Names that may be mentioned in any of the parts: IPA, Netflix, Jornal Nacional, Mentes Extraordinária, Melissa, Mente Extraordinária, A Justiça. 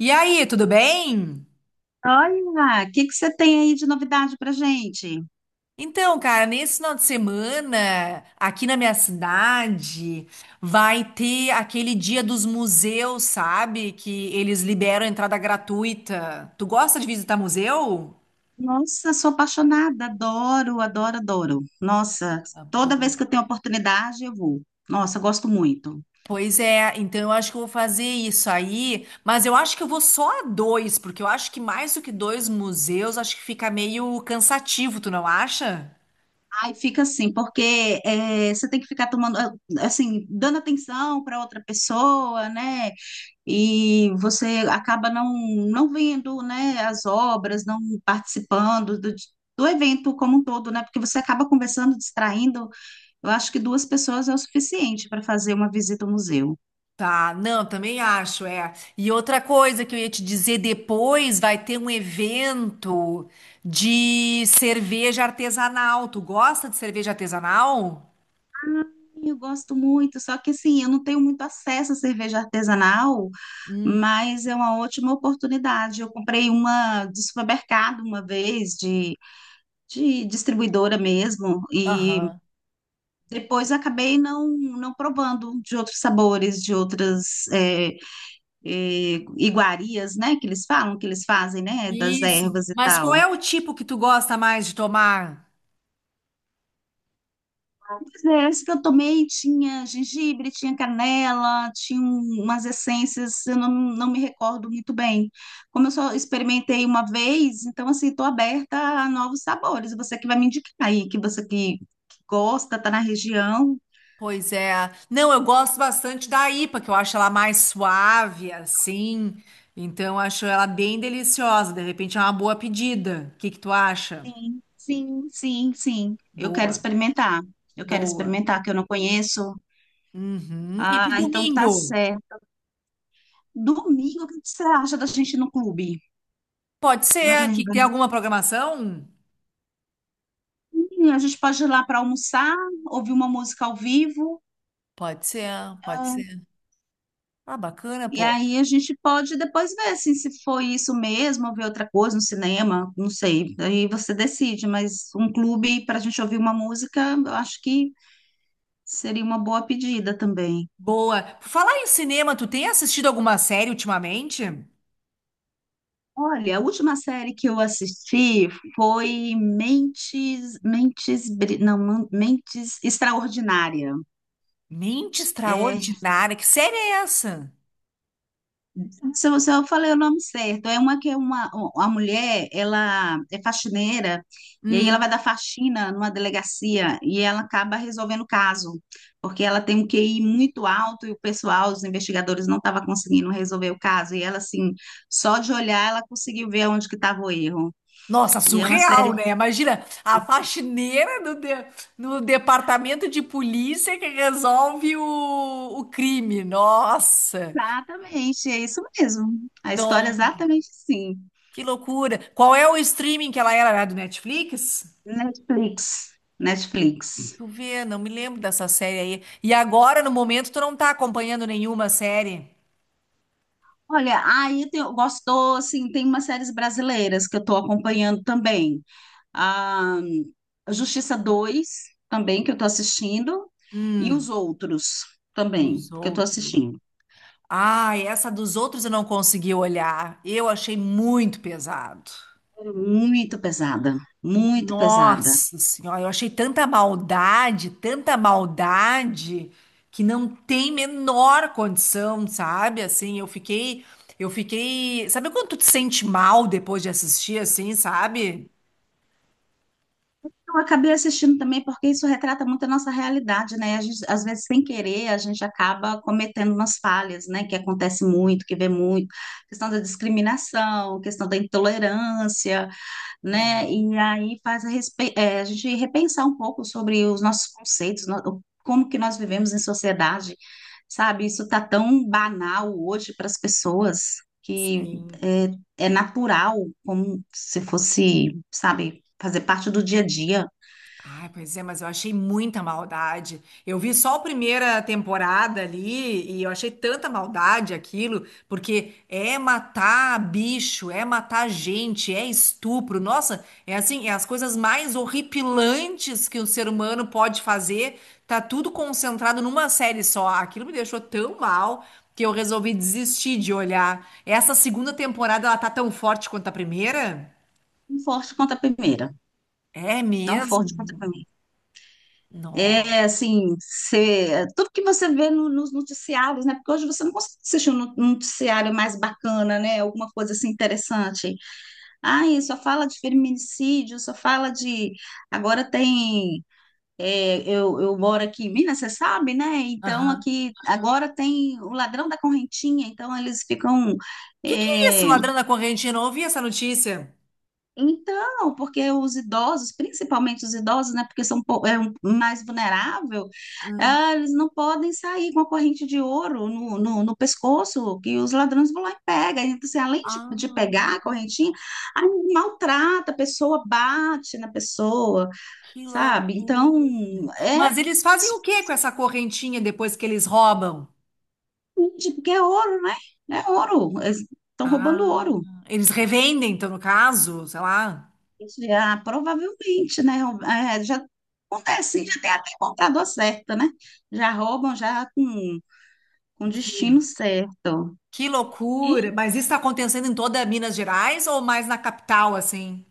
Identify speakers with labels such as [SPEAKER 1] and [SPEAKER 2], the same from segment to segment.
[SPEAKER 1] E aí, tudo bem?
[SPEAKER 2] Olha, o que que você tem aí de novidade pra gente?
[SPEAKER 1] Então, cara, nesse final de semana, aqui na minha cidade, vai ter aquele dia dos museus, sabe? Que eles liberam entrada gratuita. Tu gosta de visitar museu?
[SPEAKER 2] Nossa, sou apaixonada, adoro, adoro, adoro. Nossa,
[SPEAKER 1] Tá
[SPEAKER 2] toda
[SPEAKER 1] bom.
[SPEAKER 2] vez que eu tenho oportunidade, eu vou. Nossa, eu gosto muito.
[SPEAKER 1] Pois é, então eu acho que eu vou fazer isso aí, mas eu acho que eu vou só a dois, porque eu acho que mais do que dois museus, acho que fica meio cansativo, tu não acha?
[SPEAKER 2] Aí fica assim, porque você tem que ficar tomando, assim, dando atenção para outra pessoa, né? E você acaba não vendo, né, as obras, não participando do evento como um todo, né? Porque você acaba conversando, distraindo. Eu acho que duas pessoas é o suficiente para fazer uma visita ao museu.
[SPEAKER 1] Tá, não, também acho, é. E outra coisa que eu ia te dizer depois, vai ter um evento de cerveja artesanal. Tu gosta de cerveja artesanal?
[SPEAKER 2] Eu gosto muito, só que assim, eu não tenho muito acesso à cerveja artesanal,
[SPEAKER 1] Hum,
[SPEAKER 2] mas é uma ótima oportunidade. Eu comprei uma de supermercado uma vez, de distribuidora mesmo, e
[SPEAKER 1] aham.
[SPEAKER 2] depois acabei não provando de outros sabores, de outras iguarias, né? Que eles falam, que eles fazem, né? Das
[SPEAKER 1] Isso.
[SPEAKER 2] ervas e
[SPEAKER 1] Mas qual
[SPEAKER 2] tal.
[SPEAKER 1] é o tipo que tu gosta mais de tomar?
[SPEAKER 2] Mas é, esse que eu tomei tinha gengibre, tinha canela, tinha umas essências, eu não me recordo muito bem. Como eu só experimentei uma vez, então assim, estou aberta a novos sabores. Você que vai me indicar aí, que você que gosta, tá na região.
[SPEAKER 1] Pois é. Não, eu gosto bastante da IPA, que eu acho ela mais suave, assim. Então, eu acho ela bem deliciosa. De repente, é uma boa pedida. O que que tu acha?
[SPEAKER 2] Sim, sim, sim, sim. Eu quero
[SPEAKER 1] Boa,
[SPEAKER 2] experimentar. Eu quero
[SPEAKER 1] boa.
[SPEAKER 2] experimentar, que eu não conheço.
[SPEAKER 1] Uhum. E pro
[SPEAKER 2] Ah, então tá
[SPEAKER 1] domingo?
[SPEAKER 2] certo. Domingo, o que você acha da gente ir no clube?
[SPEAKER 1] Pode
[SPEAKER 2] Já que a
[SPEAKER 1] ser,
[SPEAKER 2] gente
[SPEAKER 1] que tem
[SPEAKER 2] vai.
[SPEAKER 1] alguma programação?
[SPEAKER 2] Sim, a gente pode ir lá para almoçar, ouvir uma música ao vivo.
[SPEAKER 1] Pode ser, pode
[SPEAKER 2] Ah,
[SPEAKER 1] ser. Ah, bacana,
[SPEAKER 2] e
[SPEAKER 1] pô.
[SPEAKER 2] aí a gente pode depois ver assim, se foi isso mesmo, ou ver outra coisa no cinema, não sei. Aí você decide, mas um clube para a gente ouvir uma música, eu acho que seria uma boa pedida também.
[SPEAKER 1] Boa. Por falar em cinema, tu tem assistido alguma série ultimamente?
[SPEAKER 2] Olha, a última série que eu assisti foi Mentes, Mentes, Bri- não, Man- Mentes Extraordinária.
[SPEAKER 1] Mente
[SPEAKER 2] É,
[SPEAKER 1] Extraordinária. Que série é essa?
[SPEAKER 2] se eu falei o nome certo, é uma mulher, ela é faxineira e aí ela vai
[SPEAKER 1] Hum.
[SPEAKER 2] dar faxina numa delegacia e ela acaba resolvendo o caso, porque ela tem um QI muito alto e o pessoal, os investigadores não estavam conseguindo resolver o caso e ela assim, só de olhar ela conseguiu ver onde que estava o erro.
[SPEAKER 1] Nossa,
[SPEAKER 2] E é uma
[SPEAKER 1] surreal,
[SPEAKER 2] série.
[SPEAKER 1] né? Imagina a faxineira no, no departamento de polícia que resolve o crime. Nossa,
[SPEAKER 2] Exatamente, é isso mesmo. A história é
[SPEAKER 1] não,
[SPEAKER 2] exatamente assim.
[SPEAKER 1] que loucura. Qual é o streaming que ela era? Era do Netflix?
[SPEAKER 2] Netflix, Netflix.
[SPEAKER 1] Tu vê, não me lembro dessa série aí. E agora, no momento, tu não tá acompanhando nenhuma série?
[SPEAKER 2] Olha, aí gostou, assim, tem umas séries brasileiras que eu estou acompanhando também. A Justiça dois também, que eu estou assistindo, e os
[SPEAKER 1] Hum,
[SPEAKER 2] outros
[SPEAKER 1] dos
[SPEAKER 2] também, que eu estou
[SPEAKER 1] outros.
[SPEAKER 2] assistindo.
[SPEAKER 1] Ah, essa dos outros eu não consegui olhar. Eu achei muito pesado.
[SPEAKER 2] É muito pesada, muito pesada.
[SPEAKER 1] Nossa Senhora, eu achei tanta maldade, que não tem menor condição, sabe? Assim, eu fiquei. Sabe quando tu te sente mal depois de assistir, assim, sabe?
[SPEAKER 2] Eu acabei assistindo também porque isso retrata muito a nossa realidade, né? A gente, às vezes, sem querer, a gente acaba cometendo umas falhas, né? Que acontece muito, que vê muito, questão da discriminação, questão da intolerância,
[SPEAKER 1] É.
[SPEAKER 2] né? E aí faz a gente repensar um pouco sobre os nossos conceitos, como que nós vivemos em sociedade, sabe? Isso tá tão banal hoje para as pessoas que
[SPEAKER 1] Sim.
[SPEAKER 2] é natural, como se fosse, sabe? Fazer parte do dia a dia.
[SPEAKER 1] Ai, pois é, mas eu achei muita maldade. Eu vi só a primeira temporada ali e eu achei tanta maldade aquilo, porque é matar bicho, é matar gente, é estupro. Nossa, é assim, é as coisas mais horripilantes que o ser humano pode fazer. Tá tudo concentrado numa série só. Aquilo me deixou tão mal que eu resolvi desistir de olhar. Essa segunda temporada, ela tá tão forte quanto a primeira?
[SPEAKER 2] Tão forte quanto a primeira.
[SPEAKER 1] É
[SPEAKER 2] Tão forte quanto
[SPEAKER 1] mesmo?
[SPEAKER 2] a primeira.
[SPEAKER 1] Não.
[SPEAKER 2] É assim, tudo que você vê nos noticiários, né? Porque hoje você não consegue assistir um noticiário mais bacana, né? Alguma coisa assim interessante. Ai, só fala de feminicídio, só fala de. Agora tem. Eu eu moro aqui em Minas, você sabe, né? Então aqui agora tem o ladrão da correntinha, então eles ficam.
[SPEAKER 1] Que é isso,
[SPEAKER 2] é,
[SPEAKER 1] ladrão da correntinha? Eu não ouvi essa notícia.
[SPEAKER 2] Então, porque os idosos, principalmente os idosos, né, porque são mais vulnerável.
[SPEAKER 1] Hum.
[SPEAKER 2] Eles não podem sair com a corrente de ouro no pescoço, que os ladrões vão lá e pegam. Então, assim, além de
[SPEAKER 1] Ah,
[SPEAKER 2] pegar a correntinha, aí maltrata a pessoa, bate na pessoa,
[SPEAKER 1] que
[SPEAKER 2] sabe? Então,
[SPEAKER 1] loucura.
[SPEAKER 2] é,
[SPEAKER 1] Mas eles fazem o que com essa correntinha depois que eles roubam?
[SPEAKER 2] porque é ouro, né? É ouro. Eles estão roubando ouro.
[SPEAKER 1] Ah, eles revendem, então, no caso, sei lá.
[SPEAKER 2] Já, provavelmente, né? É, já acontece, já tem até comprador certo, né? Já roubam já com
[SPEAKER 1] Que,
[SPEAKER 2] destino certo.
[SPEAKER 1] que
[SPEAKER 2] E
[SPEAKER 1] loucura. Mas isso está acontecendo em toda Minas Gerais ou mais na capital, assim?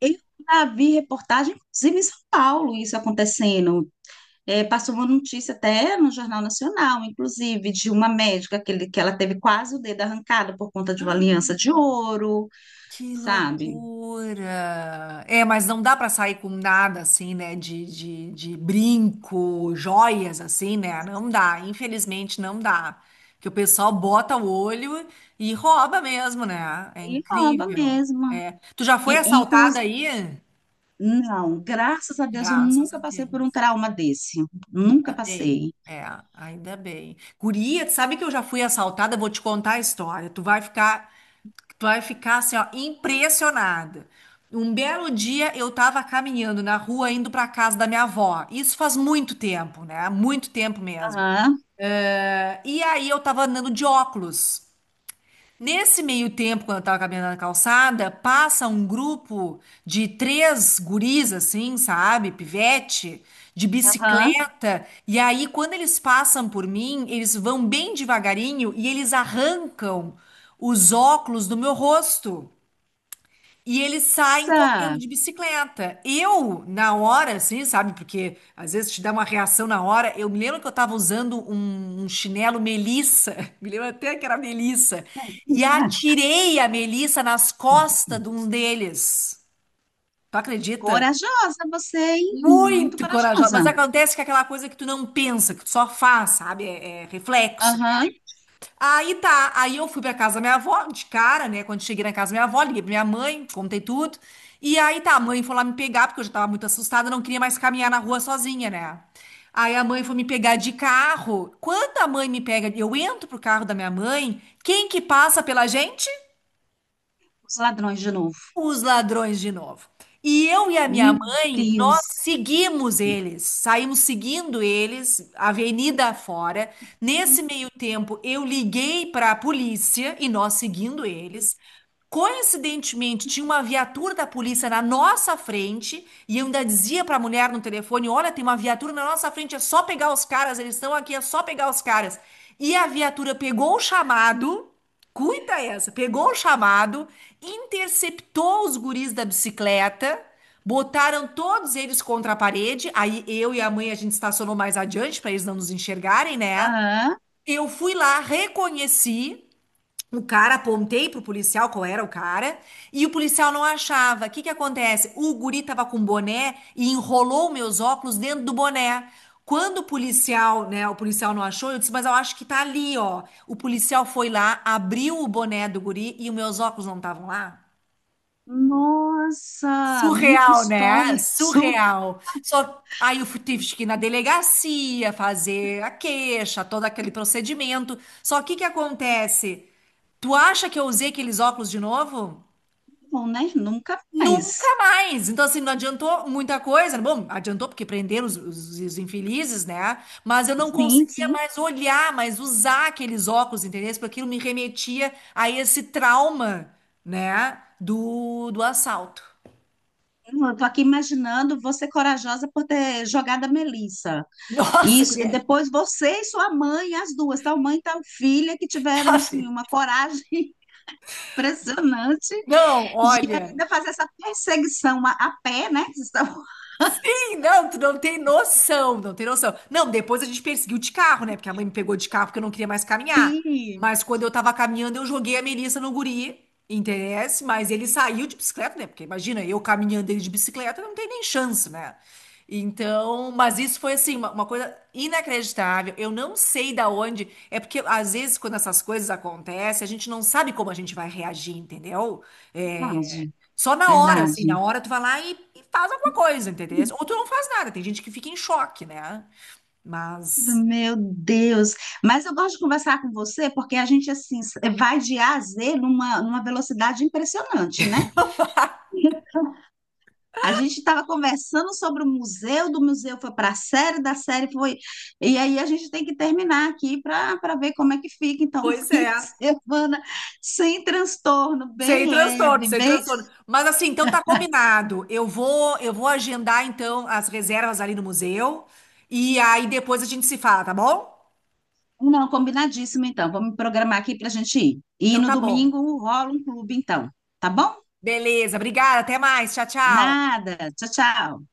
[SPEAKER 2] eu já vi reportagem, inclusive em São Paulo, isso acontecendo. É, passou uma notícia até no Jornal Nacional, inclusive, de uma médica que ela teve quase o dedo arrancado por conta de uma aliança de ouro,
[SPEAKER 1] Que
[SPEAKER 2] sabe?
[SPEAKER 1] loucura! É, mas não dá pra sair com nada assim, né? De brinco, joias assim, né? Não dá, infelizmente não dá. Que o pessoal bota o olho e rouba mesmo, né? É
[SPEAKER 2] E rouba
[SPEAKER 1] incrível.
[SPEAKER 2] mesmo.
[SPEAKER 1] É. Tu já
[SPEAKER 2] E,
[SPEAKER 1] foi assaltada aí?
[SPEAKER 2] Não, graças a Deus eu
[SPEAKER 1] Graças a
[SPEAKER 2] nunca passei por
[SPEAKER 1] Deus.
[SPEAKER 2] um trauma desse. Nunca
[SPEAKER 1] Ainda bem.
[SPEAKER 2] passei.
[SPEAKER 1] É, ainda bem. Guria, tu sabe que eu já fui assaltada? Vou te contar a história. Tu vai ficar, tu vai ficar assim, ó, impressionada. Um belo dia eu tava caminhando na rua indo pra casa da minha avó. Isso faz muito tempo, né? Muito tempo mesmo.
[SPEAKER 2] Aham,
[SPEAKER 1] E aí eu tava andando de óculos. Nesse meio tempo, quando eu tava caminhando na calçada, passa um grupo de três guris, assim, sabe? Pivete, de
[SPEAKER 2] aham.
[SPEAKER 1] bicicleta. E aí, quando eles passam por mim, eles vão bem devagarinho e eles arrancam os óculos do meu rosto. E eles saem
[SPEAKER 2] Sa-
[SPEAKER 1] correndo de bicicleta. Eu, na hora, assim, sabe? Porque às vezes te dá uma reação na hora. Eu me lembro que eu estava usando um chinelo Melissa, me lembro até que era Melissa, e
[SPEAKER 2] ah,
[SPEAKER 1] atirei a Melissa nas costas de um deles. Tu acredita?
[SPEAKER 2] Corajosa você, hein? Muito
[SPEAKER 1] Muito corajosa. Mas
[SPEAKER 2] corajosa.
[SPEAKER 1] acontece que é aquela coisa que tu não pensa, que tu só faz, sabe? É, é reflexo.
[SPEAKER 2] Aham.
[SPEAKER 1] Aí tá, aí eu fui pra casa da minha avó, de cara, né? Quando cheguei na casa da minha avó, liguei pra minha mãe, contei tudo. E aí tá, a mãe foi lá me pegar, porque eu já tava muito assustada, não queria mais caminhar na rua sozinha, né? Aí a mãe foi me pegar de carro. Quando a mãe me pega, eu entro pro carro da minha mãe, quem que passa pela gente?
[SPEAKER 2] Os ladrões de novo.
[SPEAKER 1] Os ladrões de novo. E eu e a minha
[SPEAKER 2] Meu
[SPEAKER 1] mãe, nós
[SPEAKER 2] Deus.
[SPEAKER 1] seguimos eles, saímos seguindo eles, avenida afora. Nesse meio tempo, eu liguei para a polícia e nós seguindo eles. Coincidentemente, tinha uma viatura da polícia na nossa frente e eu ainda dizia para a mulher no telefone: Olha, tem uma viatura na nossa frente, é só pegar os caras, eles estão aqui, é só pegar os caras. E a viatura pegou o chamado. Cuita essa. Pegou o chamado, interceptou os guris da bicicleta, botaram todos eles contra a parede. Aí eu e a mãe a gente estacionou mais adiante para eles não nos enxergarem, né?
[SPEAKER 2] Aham.
[SPEAKER 1] Eu fui lá, reconheci. O cara, apontei pro policial qual era o cara, e o policial não achava. O que que acontece? O guri tava com boné e enrolou meus óculos dentro do boné. Quando o policial, né, o policial não achou, eu disse, mas eu acho que tá ali, ó. O policial foi lá, abriu o boné do guri e os meus óculos não estavam lá.
[SPEAKER 2] Nossa, menina, que
[SPEAKER 1] Surreal, né?
[SPEAKER 2] história. Super
[SPEAKER 1] Surreal. Só aí eu fui- Tive que ir na delegacia fazer a queixa, todo aquele procedimento. Só que o que acontece? Tu acha que eu usei aqueles óculos de novo?
[SPEAKER 2] bom, né? Nunca
[SPEAKER 1] Nunca
[SPEAKER 2] mais.
[SPEAKER 1] mais. Então, assim, não adiantou muita coisa. Bom, adiantou porque prenderam os, os infelizes, né? Mas eu não
[SPEAKER 2] Sim,
[SPEAKER 1] conseguia
[SPEAKER 2] sim.
[SPEAKER 1] mais olhar, mais usar aqueles óculos, entendeu? Porque aquilo me remetia a esse trauma, né? Do assalto.
[SPEAKER 2] Eu tô aqui imaginando você corajosa por ter jogado a Melissa.
[SPEAKER 1] Nossa,
[SPEAKER 2] Isso, e
[SPEAKER 1] guria.
[SPEAKER 2] depois você e sua mãe, as duas, tal mãe e tal filha, que tiveram,
[SPEAKER 1] Aff,
[SPEAKER 2] assim, uma coragem impressionante
[SPEAKER 1] não,
[SPEAKER 2] de
[SPEAKER 1] olha.
[SPEAKER 2] ainda fazer essa perseguição a pé, né? Vocês estavam-
[SPEAKER 1] Sim, não, tu não tem noção, não tem noção. Não, depois a gente perseguiu de carro, né? Porque a mãe me pegou de carro porque eu não queria mais caminhar.
[SPEAKER 2] Sim,
[SPEAKER 1] Mas quando eu tava caminhando, eu joguei a Melissa no guri, interesse, mas ele saiu de bicicleta, né? Porque imagina, eu caminhando ele de bicicleta, não tem nem chance, né? Então, mas isso foi assim, uma coisa inacreditável. Eu não sei da onde. É porque às vezes, quando essas coisas acontecem, a gente não sabe como a gente vai reagir, entendeu? É,
[SPEAKER 2] verdade,
[SPEAKER 1] só na hora, assim, na
[SPEAKER 2] verdade.
[SPEAKER 1] hora tu vai lá e faz alguma coisa, entendeu? Ou tu não faz nada, tem gente que fica em choque, né? Mas,
[SPEAKER 2] Meu Deus, mas eu gosto de conversar com você porque a gente assim vai de A a Z numa velocidade impressionante, né? A gente estava conversando sobre o museu, do museu foi para a série, da série foi. E aí a gente tem que terminar aqui para ver como é que fica. Então, um
[SPEAKER 1] pois
[SPEAKER 2] fim
[SPEAKER 1] é,
[SPEAKER 2] de semana sem transtorno,
[SPEAKER 1] sem
[SPEAKER 2] bem
[SPEAKER 1] transtorno,
[SPEAKER 2] leve,
[SPEAKER 1] sem
[SPEAKER 2] bem.
[SPEAKER 1] transtorno. Mas assim, então tá combinado. Eu vou agendar então as reservas ali no museu e aí depois a gente se fala, tá bom?
[SPEAKER 2] Não, combinadíssimo, então. Vamos programar aqui para a gente ir. E
[SPEAKER 1] Então
[SPEAKER 2] no
[SPEAKER 1] tá bom.
[SPEAKER 2] domingo rola um clube, então. Tá bom?
[SPEAKER 1] Beleza, obrigada, até mais, tchau, tchau.
[SPEAKER 2] Nada. Tchau, tchau.